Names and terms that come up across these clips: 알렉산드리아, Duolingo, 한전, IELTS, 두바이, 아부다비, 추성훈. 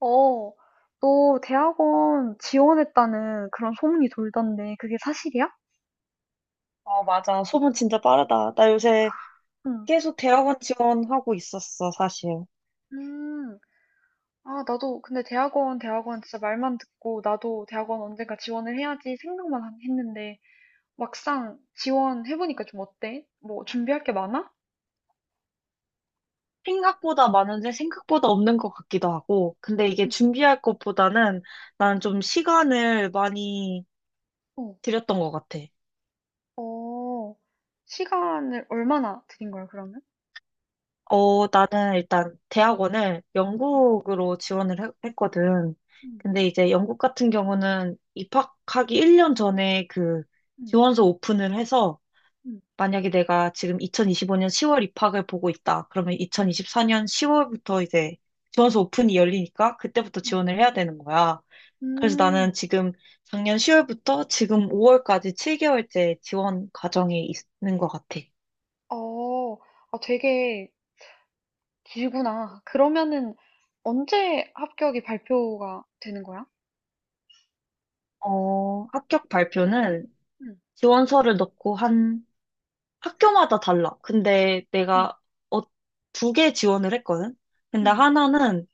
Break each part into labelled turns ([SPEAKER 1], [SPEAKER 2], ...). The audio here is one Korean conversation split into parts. [SPEAKER 1] 어, 너 대학원 지원했다는 그런 소문이 돌던데 그게 사실이야?
[SPEAKER 2] 어, 맞아. 소문 진짜 빠르다. 나 요새
[SPEAKER 1] 응.
[SPEAKER 2] 계속 대학원 지원하고 있었어, 사실.
[SPEAKER 1] 음, 아, 나도, 근데 대학원, 대학원 진짜 말만 듣고, 나도 대학원 언젠가 지원을 해야지 생각만 했는데, 막상 지원해보니까 좀 어때? 뭐, 준비할 게 많아?
[SPEAKER 2] 생각보다 많은데 생각보다 없는 것 같기도 하고. 근데 이게
[SPEAKER 1] 응.
[SPEAKER 2] 준비할 것보다는 나는 좀 시간을 많이
[SPEAKER 1] 어,
[SPEAKER 2] 들였던 것 같아.
[SPEAKER 1] 어, 시간을 얼마나 드린 거야, 그러면?
[SPEAKER 2] 나는 일단 대학원을
[SPEAKER 1] 응.
[SPEAKER 2] 영국으로 지원을 했거든.
[SPEAKER 1] 응,
[SPEAKER 2] 근데 이제 영국 같은 경우는 입학하기 1년 전에 그
[SPEAKER 1] 응.
[SPEAKER 2] 지원서 오픈을 해서
[SPEAKER 1] 응,
[SPEAKER 2] 만약에 내가 지금 2025년 10월 입학을 보고 있다. 그러면
[SPEAKER 1] 응,
[SPEAKER 2] 2024년 10월부터 이제 지원서 오픈이 열리니까 그때부터
[SPEAKER 1] 응.
[SPEAKER 2] 지원을 해야 되는 거야. 그래서 나는
[SPEAKER 1] 음,
[SPEAKER 2] 지금 작년 10월부터 지금 5월까지 7개월째 지원 과정에 있는 것 같아.
[SPEAKER 1] 어, 아, 되게 길구나. 그러면은 언제 합격이 발표가 되는 거야?
[SPEAKER 2] 합격 발표는
[SPEAKER 1] 응,
[SPEAKER 2] 지원서를 넣고 한 학교마다 달라. 근데
[SPEAKER 1] 응,
[SPEAKER 2] 내가 어, 두 개 지원을 했거든? 근데
[SPEAKER 1] 응.
[SPEAKER 2] 하나는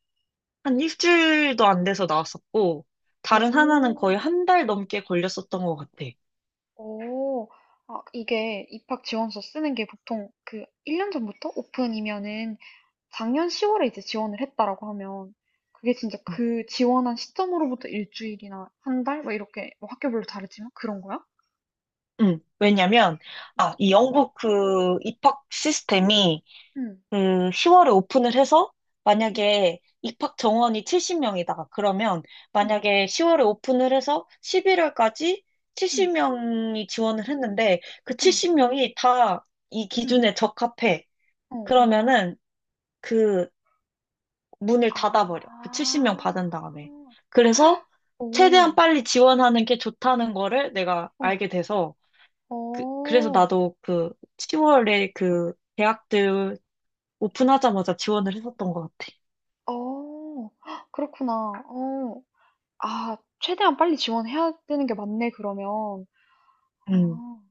[SPEAKER 2] 한 일주일도 안 돼서 나왔었고, 다른 하나는
[SPEAKER 1] 오,
[SPEAKER 2] 거의 한 달 넘게 걸렸었던 것 같아.
[SPEAKER 1] 오. 아, 이게 입학 지원서 쓰는 게 보통 그 1년 전부터 오픈이면은 작년 10월에 이제 지원을 했다라고 하면 그게 진짜
[SPEAKER 2] 음.
[SPEAKER 1] 그 지원한 시점으로부터 일주일이나 한 달? 막 이렇게 뭐 학교별로 다르지만 그런 거야?
[SPEAKER 2] 왜냐면,
[SPEAKER 1] 응,
[SPEAKER 2] 아, 이 영국 그 입학 시스템이
[SPEAKER 1] 응,
[SPEAKER 2] 그 10월에 오픈을 해서
[SPEAKER 1] 응,
[SPEAKER 2] 만약에 입학 정원이 70명이다. 그러면
[SPEAKER 1] 응,
[SPEAKER 2] 만약에 10월에 오픈을 해서 11월까지
[SPEAKER 1] 응,
[SPEAKER 2] 70명이 지원을 했는데 그
[SPEAKER 1] 응,
[SPEAKER 2] 70명이 다 이
[SPEAKER 1] 응,
[SPEAKER 2] 기준에 적합해.
[SPEAKER 1] 어, 어.
[SPEAKER 2] 그러면은 그 문을
[SPEAKER 1] 아,
[SPEAKER 2] 닫아버려. 그 70명 받은 다음에. 그래서 최대한
[SPEAKER 1] 오.
[SPEAKER 2] 빨리 지원하는 게 좋다는 거를 내가
[SPEAKER 1] 어.
[SPEAKER 2] 알게 돼서 그래서
[SPEAKER 1] 어.
[SPEAKER 2] 나도 그 10월에 그 대학들 오픈하자마자 지원을 했었던 것 같아.
[SPEAKER 1] 어. 헉, 그렇구나. 어. 아, 최대한 빨리 지원해야 되는 게 맞네 그러면.
[SPEAKER 2] 음,
[SPEAKER 1] 아.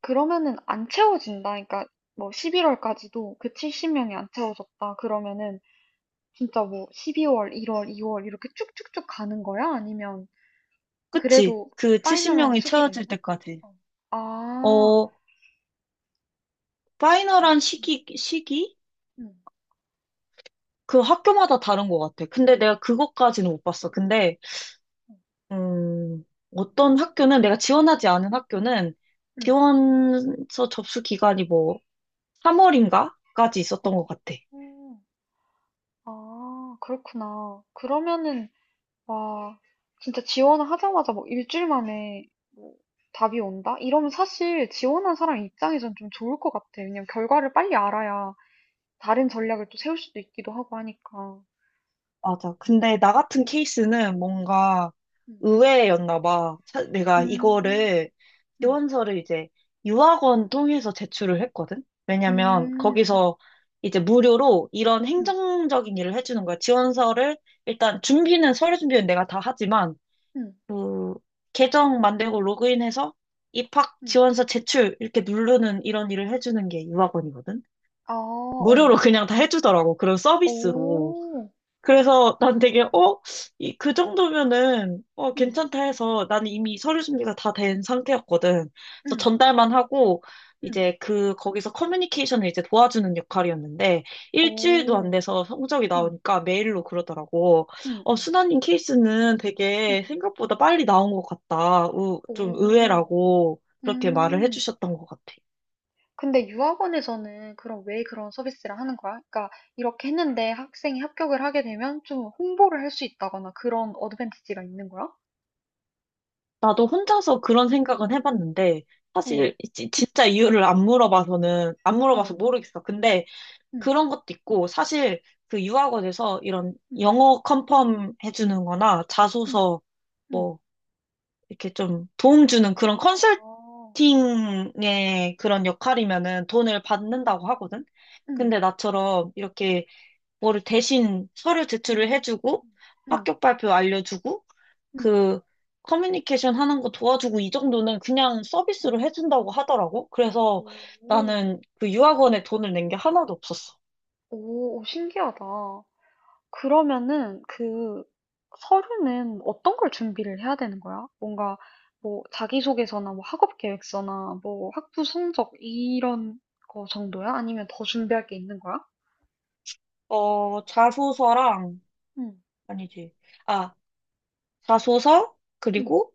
[SPEAKER 1] 그러면은 안 채워진다. 그러니까 뭐 11 월까지도 그 70 명이 안 채워졌다 그러면은 진짜 뭐 12 월, 1 월, 2월 이렇게 쭉쭉쭉 가는 거야? 아니면
[SPEAKER 2] 그치.
[SPEAKER 1] 그래도
[SPEAKER 2] 그
[SPEAKER 1] 파이널한
[SPEAKER 2] 70명이
[SPEAKER 1] 시기가
[SPEAKER 2] 채워질
[SPEAKER 1] 있나?
[SPEAKER 2] 때까지.
[SPEAKER 1] 어. 아.
[SPEAKER 2] 어,
[SPEAKER 1] 뭐
[SPEAKER 2] 파이널한 시기, 시기?
[SPEAKER 1] 음.
[SPEAKER 2] 그 학교마다 다른 것 같아. 근데 내가 그것까지는 못 봤어. 근데 음, 어떤 학교는 내가 지원하지 않은 학교는
[SPEAKER 1] 음.
[SPEAKER 2] 지원서 접수 기간이 뭐 3월인가까지 있었던 것 같아.
[SPEAKER 1] 음. 어. 아, 그렇구나. 그러면은 와, 진짜 지원을 하자마자 뭐 일주일 만에 뭐 답이 온다? 이러면 사실 지원한 사람 입장에선 좀 좋을 것 같아. 왜냐면 결과를 빨리 알아야 다른 전략을 또 세울 수도 있기도 하고 하니까.
[SPEAKER 2] 맞아. 근데 나 같은 케이스는 뭔가
[SPEAKER 1] 음,
[SPEAKER 2] 의외였나 봐. 내가
[SPEAKER 1] 음,
[SPEAKER 2] 이거를
[SPEAKER 1] 음,
[SPEAKER 2] 지원서를 이제 유학원 통해서 제출을 했거든. 왜냐면
[SPEAKER 1] 음, 음,
[SPEAKER 2] 거기서 이제 무료로 이런
[SPEAKER 1] 음,
[SPEAKER 2] 행정적인 일을 해주는 거야. 지원서를 일단 준비는 서류 준비는 내가 다 하지만
[SPEAKER 1] 음,
[SPEAKER 2] 그 계정 만들고 로그인해서 입학
[SPEAKER 1] 음.
[SPEAKER 2] 지원서 제출 이렇게 누르는 이런 일을 해주는 게 유학원이거든.
[SPEAKER 1] 아,
[SPEAKER 2] 무료로
[SPEAKER 1] 어,
[SPEAKER 2] 그냥 다 해주더라고. 그런 서비스로.
[SPEAKER 1] 오,
[SPEAKER 2] 그래서 난 되게,
[SPEAKER 1] 음,
[SPEAKER 2] 어? 이, 그 정도면은,
[SPEAKER 1] 음,
[SPEAKER 2] 괜찮다 해서 나는 이미 서류 준비가 다 된 상태였거든. 그래서
[SPEAKER 1] 음,
[SPEAKER 2] 전달만 하고,
[SPEAKER 1] 음,
[SPEAKER 2] 이제 그, 거기서 커뮤니케이션을 이제 도와주는 역할이었는데, 일주일도 안
[SPEAKER 1] 오,
[SPEAKER 2] 돼서 성적이
[SPEAKER 1] 음,
[SPEAKER 2] 나오니까 메일로 그러더라고.
[SPEAKER 1] 음, 음,
[SPEAKER 2] 순나님 케이스는
[SPEAKER 1] 음,
[SPEAKER 2] 되게 생각보다 빨리 나온 것 같다. 우, 좀
[SPEAKER 1] 오,
[SPEAKER 2] 의외라고 그렇게 말을
[SPEAKER 1] 음.
[SPEAKER 2] 해주셨던 것 같아.
[SPEAKER 1] 근데 유학원에서는 그럼 왜 그런 서비스를 하는 거야? 그러니까 이렇게 했는데 학생이 합격을 하게 되면 좀 홍보를 할 수 있다거나 그런 어드밴티지가 있는 거야?
[SPEAKER 2] 나도 혼자서 그런 생각은 해봤는데,
[SPEAKER 1] 어,
[SPEAKER 2] 사실 진짜 이유를 안
[SPEAKER 1] 어,
[SPEAKER 2] 물어봐서 모르겠어. 근데
[SPEAKER 1] 응,
[SPEAKER 2] 그런 것도 있고, 사실 그 유학원에서 이런
[SPEAKER 1] 응,
[SPEAKER 2] 영어 컨펌 해주는 거나
[SPEAKER 1] 응,
[SPEAKER 2] 자소서
[SPEAKER 1] 응.
[SPEAKER 2] 뭐, 이렇게 좀 도움 주는 그런
[SPEAKER 1] 아,
[SPEAKER 2] 컨설팅의 그런 역할이면은 돈을 받는다고 하거든?
[SPEAKER 1] 응,
[SPEAKER 2] 근데 나처럼 이렇게 뭐를 대신 서류 제출을
[SPEAKER 1] 응,
[SPEAKER 2] 해주고,
[SPEAKER 1] 응,
[SPEAKER 2] 합격 발표 알려주고,
[SPEAKER 1] 응.
[SPEAKER 2] 그 커뮤니케이션 하는 거 도와주고 이 정도는 그냥
[SPEAKER 1] 어,
[SPEAKER 2] 서비스로 해준다고 하더라고. 그래서
[SPEAKER 1] 오,
[SPEAKER 2] 나는 그 유학원에 돈을 낸 게 하나도 없었어.
[SPEAKER 1] 오, 신기하다. 그러면은 그 서류는 어떤 걸 준비를 해야 되는 거야? 뭔가 뭐 자기소개서나 뭐 학업 계획서나 뭐 학부 성적 이런 거 정도야? 아니면 더 준비할 게 있는 거야?
[SPEAKER 2] 자소서랑,
[SPEAKER 1] 응,
[SPEAKER 2] 아니지. 아, 자소서,
[SPEAKER 1] 응,
[SPEAKER 2] 그리고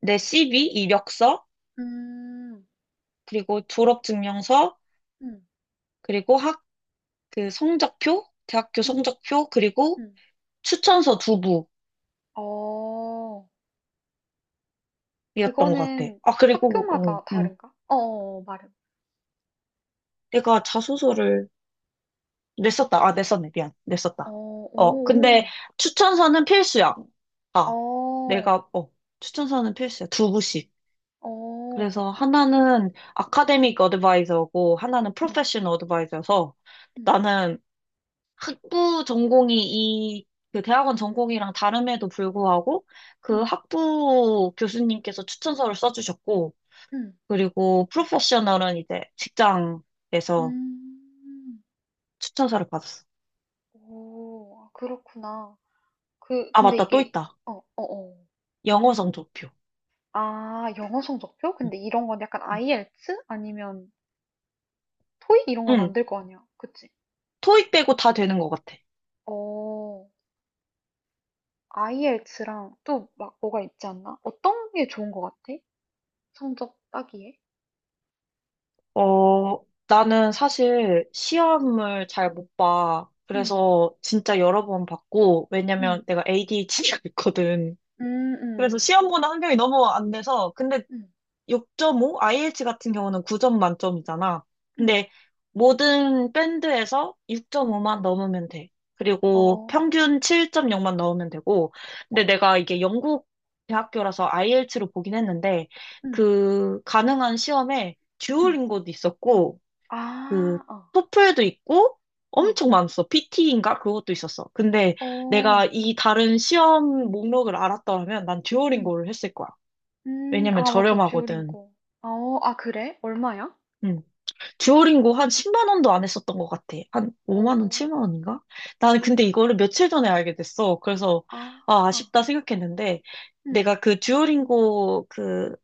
[SPEAKER 2] 내 CV, 이력서,
[SPEAKER 1] 음,
[SPEAKER 2] 그리고 졸업증명서,
[SPEAKER 1] 음,
[SPEAKER 2] 그리고 그 성적표, 대학교
[SPEAKER 1] 음,
[SPEAKER 2] 성적표, 그리고
[SPEAKER 1] 음.
[SPEAKER 2] 추천서 두
[SPEAKER 1] 어,
[SPEAKER 2] 부였던 것 같아.
[SPEAKER 1] 그거는
[SPEAKER 2] 아, 그리고, 어,
[SPEAKER 1] 학교마다
[SPEAKER 2] 음.
[SPEAKER 1] 다른가? 어, 어, 어, 말해.
[SPEAKER 2] 내가 자소서를 냈었다. 아, 냈었네. 미안.
[SPEAKER 1] 어,
[SPEAKER 2] 냈었다.
[SPEAKER 1] 오,
[SPEAKER 2] 근데
[SPEAKER 1] 오,
[SPEAKER 2] 추천서는 필수야. 아,
[SPEAKER 1] 어,
[SPEAKER 2] 내가, 어, 추천서는 필수야. 두 부씩.
[SPEAKER 1] 어,
[SPEAKER 2] 그래서 하나는 아카데믹 어드바이저고, 하나는
[SPEAKER 1] 응
[SPEAKER 2] 프로페셔널 어드바이저여서
[SPEAKER 1] 응
[SPEAKER 2] 나는 학부 전공이 그 대학원 전공이랑 다름에도 불구하고 그
[SPEAKER 1] 음,
[SPEAKER 2] 학부 교수님께서 추천서를 써주셨고,
[SPEAKER 1] 음.
[SPEAKER 2] 그리고 프로페셔널은 이제 직장에서
[SPEAKER 1] 음.
[SPEAKER 2] 추천서를 받았어.
[SPEAKER 1] 오. 아, 그렇구나. 그
[SPEAKER 2] 아,
[SPEAKER 1] 근데
[SPEAKER 2] 맞다. 또
[SPEAKER 1] 이게
[SPEAKER 2] 있다.
[SPEAKER 1] 어 어어.
[SPEAKER 2] 영어 성적표.
[SPEAKER 1] 아, 영어 성적표? 근데 이런 건 약간 IELTS 아니면 토익 이런 건 안
[SPEAKER 2] 응,
[SPEAKER 1] 될 거 아니야. 그치?
[SPEAKER 2] 토익 빼고 다 되는 것 같아.
[SPEAKER 1] 어. IELTS랑 또 막 뭐가 있지 않나? 어떤 게 좋은 거 같아? 성적 따기에?
[SPEAKER 2] 나는 사실
[SPEAKER 1] 음.
[SPEAKER 2] 시험을 잘 못 봐.
[SPEAKER 1] 음.
[SPEAKER 2] 그래서 진짜 여러 번 봤고, 왜냐면
[SPEAKER 1] 음.
[SPEAKER 2] 내가 ADHD가 있거든. 그래서
[SPEAKER 1] 음음.
[SPEAKER 2] 시험 보는 환경이 너무 안 돼서, 근데
[SPEAKER 1] 음.
[SPEAKER 2] 6.5, IH 같은 경우는 9점 만점이잖아.
[SPEAKER 1] 음.
[SPEAKER 2] 근데 모든 밴드에서
[SPEAKER 1] 음. 음.
[SPEAKER 2] 6.5만 넘으면 돼.
[SPEAKER 1] 어.
[SPEAKER 2] 그리고
[SPEAKER 1] 어.
[SPEAKER 2] 평균 7.0만 넣으면 되고. 근데 내가 이게 영국 대학교라서 IELTS로 보긴 했는데
[SPEAKER 1] 음.
[SPEAKER 2] 그 가능한 시험에
[SPEAKER 1] 음.
[SPEAKER 2] 듀오링고도 있었고 그
[SPEAKER 1] 아. 어.
[SPEAKER 2] 토플도 있고
[SPEAKER 1] 어.
[SPEAKER 2] 엄청 많았어. PT인가? 그것도 있었어. 근데
[SPEAKER 1] 어.
[SPEAKER 2] 내가 이 다른 시험 목록을 알았더라면 난
[SPEAKER 1] 음.
[SPEAKER 2] 듀오링고를 했을 거야. 왜냐면
[SPEAKER 1] 아, 맞아.
[SPEAKER 2] 저렴하거든.
[SPEAKER 1] 듀오링고. 아, 어, 아, 그래? 얼마야?
[SPEAKER 2] 응. 듀오링고 한 10만 원도 안 했었던 것 같아. 한 5만 원,
[SPEAKER 1] 오,
[SPEAKER 2] 7만 원인가? 나는 근데
[SPEAKER 1] 오,
[SPEAKER 2] 이거를 며칠 전에 알게 됐어. 그래서
[SPEAKER 1] 아,
[SPEAKER 2] 아, 아쉽다 생각했는데
[SPEAKER 1] 응,
[SPEAKER 2] 내가 그 듀오링고 그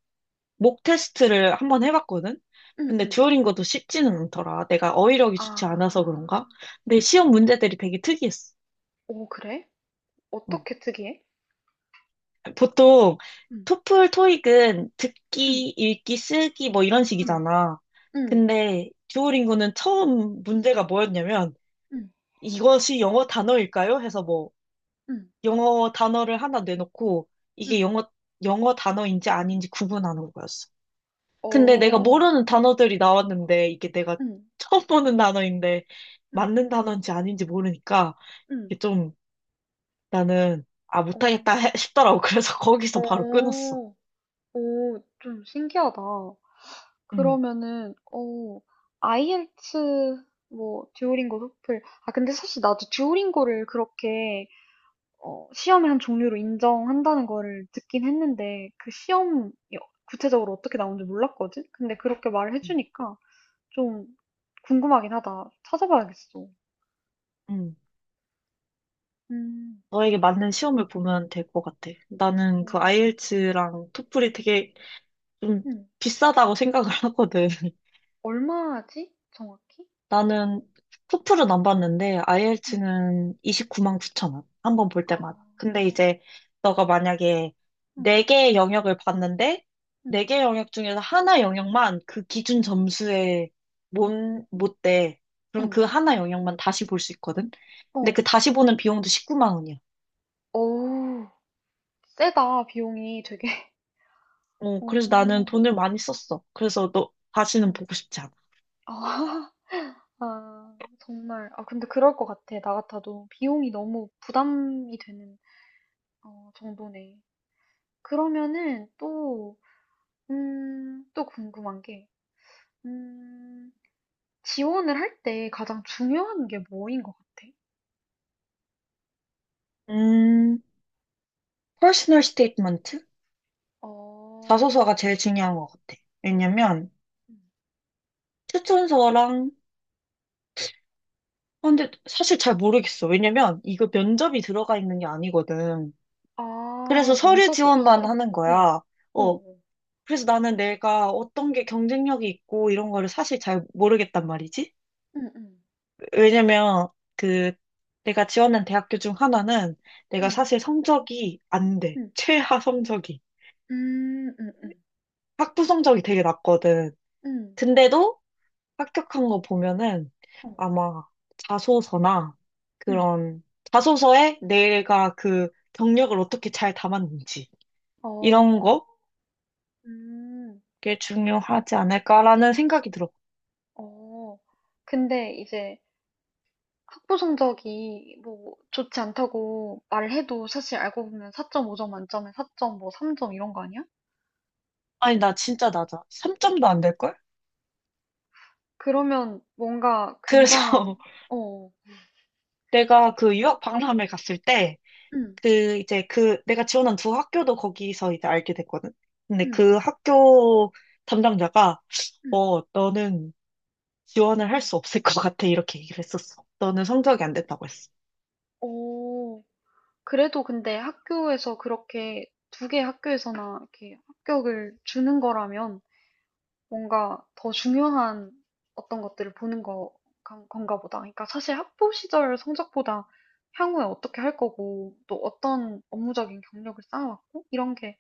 [SPEAKER 2] 목 테스트를 한번 해봤거든?
[SPEAKER 1] 응,
[SPEAKER 2] 근데
[SPEAKER 1] 응.
[SPEAKER 2] 듀오링고도 쉽지는 않더라. 내가 어휘력이 좋지 않아서
[SPEAKER 1] 아,
[SPEAKER 2] 그런가? 근데 시험 문제들이 되게 특이했어.
[SPEAKER 1] 오, 그래?
[SPEAKER 2] 응.
[SPEAKER 1] 어떻게 특이해?
[SPEAKER 2] 보통
[SPEAKER 1] 응,
[SPEAKER 2] 토플, 토익은
[SPEAKER 1] 응,
[SPEAKER 2] 듣기, 읽기, 쓰기 뭐 이런
[SPEAKER 1] 응,
[SPEAKER 2] 식이잖아.
[SPEAKER 1] 응,
[SPEAKER 2] 근데 듀오링고는 처음 문제가 뭐였냐면
[SPEAKER 1] 응,
[SPEAKER 2] 이것이 영어 단어일까요? 해서 뭐
[SPEAKER 1] 응,
[SPEAKER 2] 영어 단어를 하나 내놓고 이게
[SPEAKER 1] 응.
[SPEAKER 2] 영어 단어인지 아닌지 구분하는 거였어. 근데 내가
[SPEAKER 1] 오,
[SPEAKER 2] 모르는 단어들이 나왔는데 이게 내가
[SPEAKER 1] 응,
[SPEAKER 2] 처음 보는 단어인데
[SPEAKER 1] 응,
[SPEAKER 2] 맞는 단어인지 아닌지 모르니까
[SPEAKER 1] 응.
[SPEAKER 2] 이게 좀 나는 아
[SPEAKER 1] 오,
[SPEAKER 2] 못하겠다 싶더라고. 그래서 거기서 바로 끊었어.
[SPEAKER 1] 오, 오, 좀 신기하다.
[SPEAKER 2] 응,
[SPEAKER 1] 그러면은, 오, 아이엘츠.. 뭐, 듀오링고, 토플. 아, 근데 사실 나도 듀오링고를 그렇게 어, 시험을 한 종류로 인정한다는 거를 듣긴 했는데, 그 시험이 구체적으로 어떻게 나오는지 몰랐거든? 근데 그렇게 말을
[SPEAKER 2] 응,
[SPEAKER 1] 해주니까 좀 궁금하긴 하다. 찾아봐야겠어.
[SPEAKER 2] 응.
[SPEAKER 1] 음,
[SPEAKER 2] 너에게 맞는 시험을 보면 될 것 같아. 나는 그
[SPEAKER 1] 어,
[SPEAKER 2] 아이엘츠랑 토플이 되게 좀
[SPEAKER 1] 음,
[SPEAKER 2] 비싸다고 생각을 하거든.
[SPEAKER 1] 얼마지? 정확히?
[SPEAKER 2] 나는 토플은 안 봤는데
[SPEAKER 1] 음,
[SPEAKER 2] IELTS는 29만 9천 원. 한 번 볼
[SPEAKER 1] 아,
[SPEAKER 2] 때마다. 근데 이제 너가 만약에
[SPEAKER 1] 음,
[SPEAKER 2] 네개의 영역을 봤는데
[SPEAKER 1] 음,
[SPEAKER 2] 네개 영역 중에서 하나 영역만 그 기준
[SPEAKER 1] 음,
[SPEAKER 2] 점수에 못, 못 돼. 그럼
[SPEAKER 1] 음,
[SPEAKER 2] 그 하나 영역만 다시 볼 수 있거든. 근데
[SPEAKER 1] 어,
[SPEAKER 2] 그 다시 보는 비용도 19만 원이야.
[SPEAKER 1] 오, 세다, 비용이 되게.
[SPEAKER 2] 그래서 나는
[SPEAKER 1] 오,
[SPEAKER 2] 돈을 많이 썼어. 그래서 너 다시는
[SPEAKER 1] 음.
[SPEAKER 2] 보고 싶지 않아.
[SPEAKER 1] 아. 아, 정말. 아, 근데 그럴 것 같아. 나 같아도 비용이 너무 부담이 되는 어 정도네. 그러면은 또 또 궁금한 게 음 지원을 할 때 가장 중요한 게 뭐인 것 같아?
[SPEAKER 2] 음, personal statement?
[SPEAKER 1] 어.
[SPEAKER 2] 자소서가 제일 중요한 것 같아.
[SPEAKER 1] 어.
[SPEAKER 2] 왜냐면
[SPEAKER 1] 음.
[SPEAKER 2] 추천서랑, 아, 근데 사실 잘 모르겠어. 왜냐면 이거 면접이 들어가 있는 게 아니거든.
[SPEAKER 1] 아,
[SPEAKER 2] 그래서 서류
[SPEAKER 1] 면접이
[SPEAKER 2] 지원만
[SPEAKER 1] 없어?
[SPEAKER 2] 하는
[SPEAKER 1] 어.
[SPEAKER 2] 거야.
[SPEAKER 1] 어
[SPEAKER 2] 어,
[SPEAKER 1] 어.
[SPEAKER 2] 그래서 나는 내가 어떤 게 경쟁력이 있고 이런 거를 사실 잘 모르겠단 말이지.
[SPEAKER 1] 응, 응,
[SPEAKER 2] 왜냐면 그 내가 지원한 대학교 중 하나는 내가
[SPEAKER 1] 응,
[SPEAKER 2] 사실 성적이 안 돼.
[SPEAKER 1] 응,
[SPEAKER 2] 최하 성적이.
[SPEAKER 1] 음음.
[SPEAKER 2] 학부 성적이 되게 낮거든.
[SPEAKER 1] 음.
[SPEAKER 2] 근데도 합격한 거 보면은
[SPEAKER 1] 어.
[SPEAKER 2] 아마 자소서나
[SPEAKER 1] 음.
[SPEAKER 2] 그런 자소서에 내가 그 경력을 어떻게 잘 담았는지 이런
[SPEAKER 1] 어.
[SPEAKER 2] 거게
[SPEAKER 1] 음.
[SPEAKER 2] 중요하지 않을까라는 생각이 들어.
[SPEAKER 1] 어, 근데 이제 학부 성적이 뭐 좋지 않다고 말을 해도 사실 알고 보면 4.5점 만점에 4점 뭐 3점 이런 거 아니야?
[SPEAKER 2] 아니, 나 진짜 낮아. 3점도 안 될걸?
[SPEAKER 1] 그러면 뭔가
[SPEAKER 2] 그래서
[SPEAKER 1] 굉장한, 어,
[SPEAKER 2] 내가 그 유학 박람회 갔을 때
[SPEAKER 1] 응,
[SPEAKER 2] 그 이제 그 내가 지원한 두 학교도 거기서 이제 알게 됐거든. 근데
[SPEAKER 1] 응,
[SPEAKER 2] 그 학교 담당자가
[SPEAKER 1] 응,
[SPEAKER 2] 너는 지원을 할
[SPEAKER 1] 응.
[SPEAKER 2] 수 없을 것 같아. 이렇게 얘기를 했었어. 너는 성적이 안 됐다고 했어.
[SPEAKER 1] 어, 그래도 근데 학교에서 그렇게 두 개 학교에서나 이렇게 합격을 주는 거라면 뭔가 더 중요한 어떤 것들을 보는 거, 건가 보다. 그러니까 사실 학부 시절 성적보다 향후에 어떻게 할 거고, 또 어떤 업무적인 경력을 쌓아왔고, 이런 게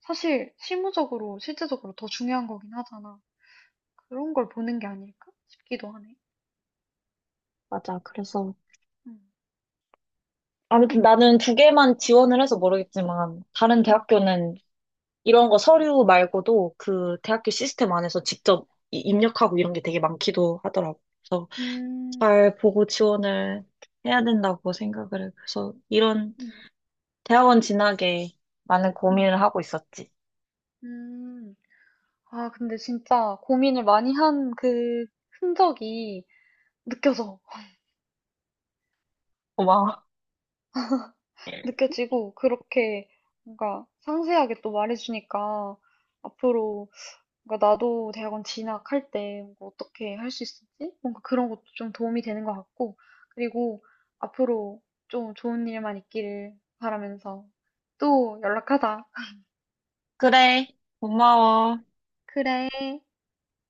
[SPEAKER 1] 사실 실무적으로, 실제적으로 더 중요한 거긴 하잖아. 그런 걸 보는 게 아닐까 싶기도 하네.
[SPEAKER 2] 맞아. 그래서
[SPEAKER 1] 음,
[SPEAKER 2] 아무튼 나는 두 개만 지원을 해서 모르겠지만 다른
[SPEAKER 1] 음,
[SPEAKER 2] 대학교는 이런 거 서류 말고도 그 대학교 시스템 안에서 직접 입력하고 이런 게 되게 많기도 하더라고. 그래서
[SPEAKER 1] 음,
[SPEAKER 2] 잘 보고 지원을 해야 된다고 생각을 해. 그래서 이런
[SPEAKER 1] 음,
[SPEAKER 2] 대학원 진학에 많은
[SPEAKER 1] 음,
[SPEAKER 2] 고민을 하고 있었지.
[SPEAKER 1] 음. 아, 근데 진짜 고민을 많이 한 그 흔적이 느껴져.
[SPEAKER 2] 고마워.
[SPEAKER 1] 느껴지고 그렇게 뭔가 상세하게 또 말해주니까 앞으로 뭔가 나도 대학원 진학할 때 뭔가 어떻게 할 수 있을지 뭔가 그런 것도 좀 도움이 되는 것 같고 그리고 앞으로 좀 좋은 일만 있기를 바라면서 또 연락하자.
[SPEAKER 2] 그래. 고마워.
[SPEAKER 1] 그래.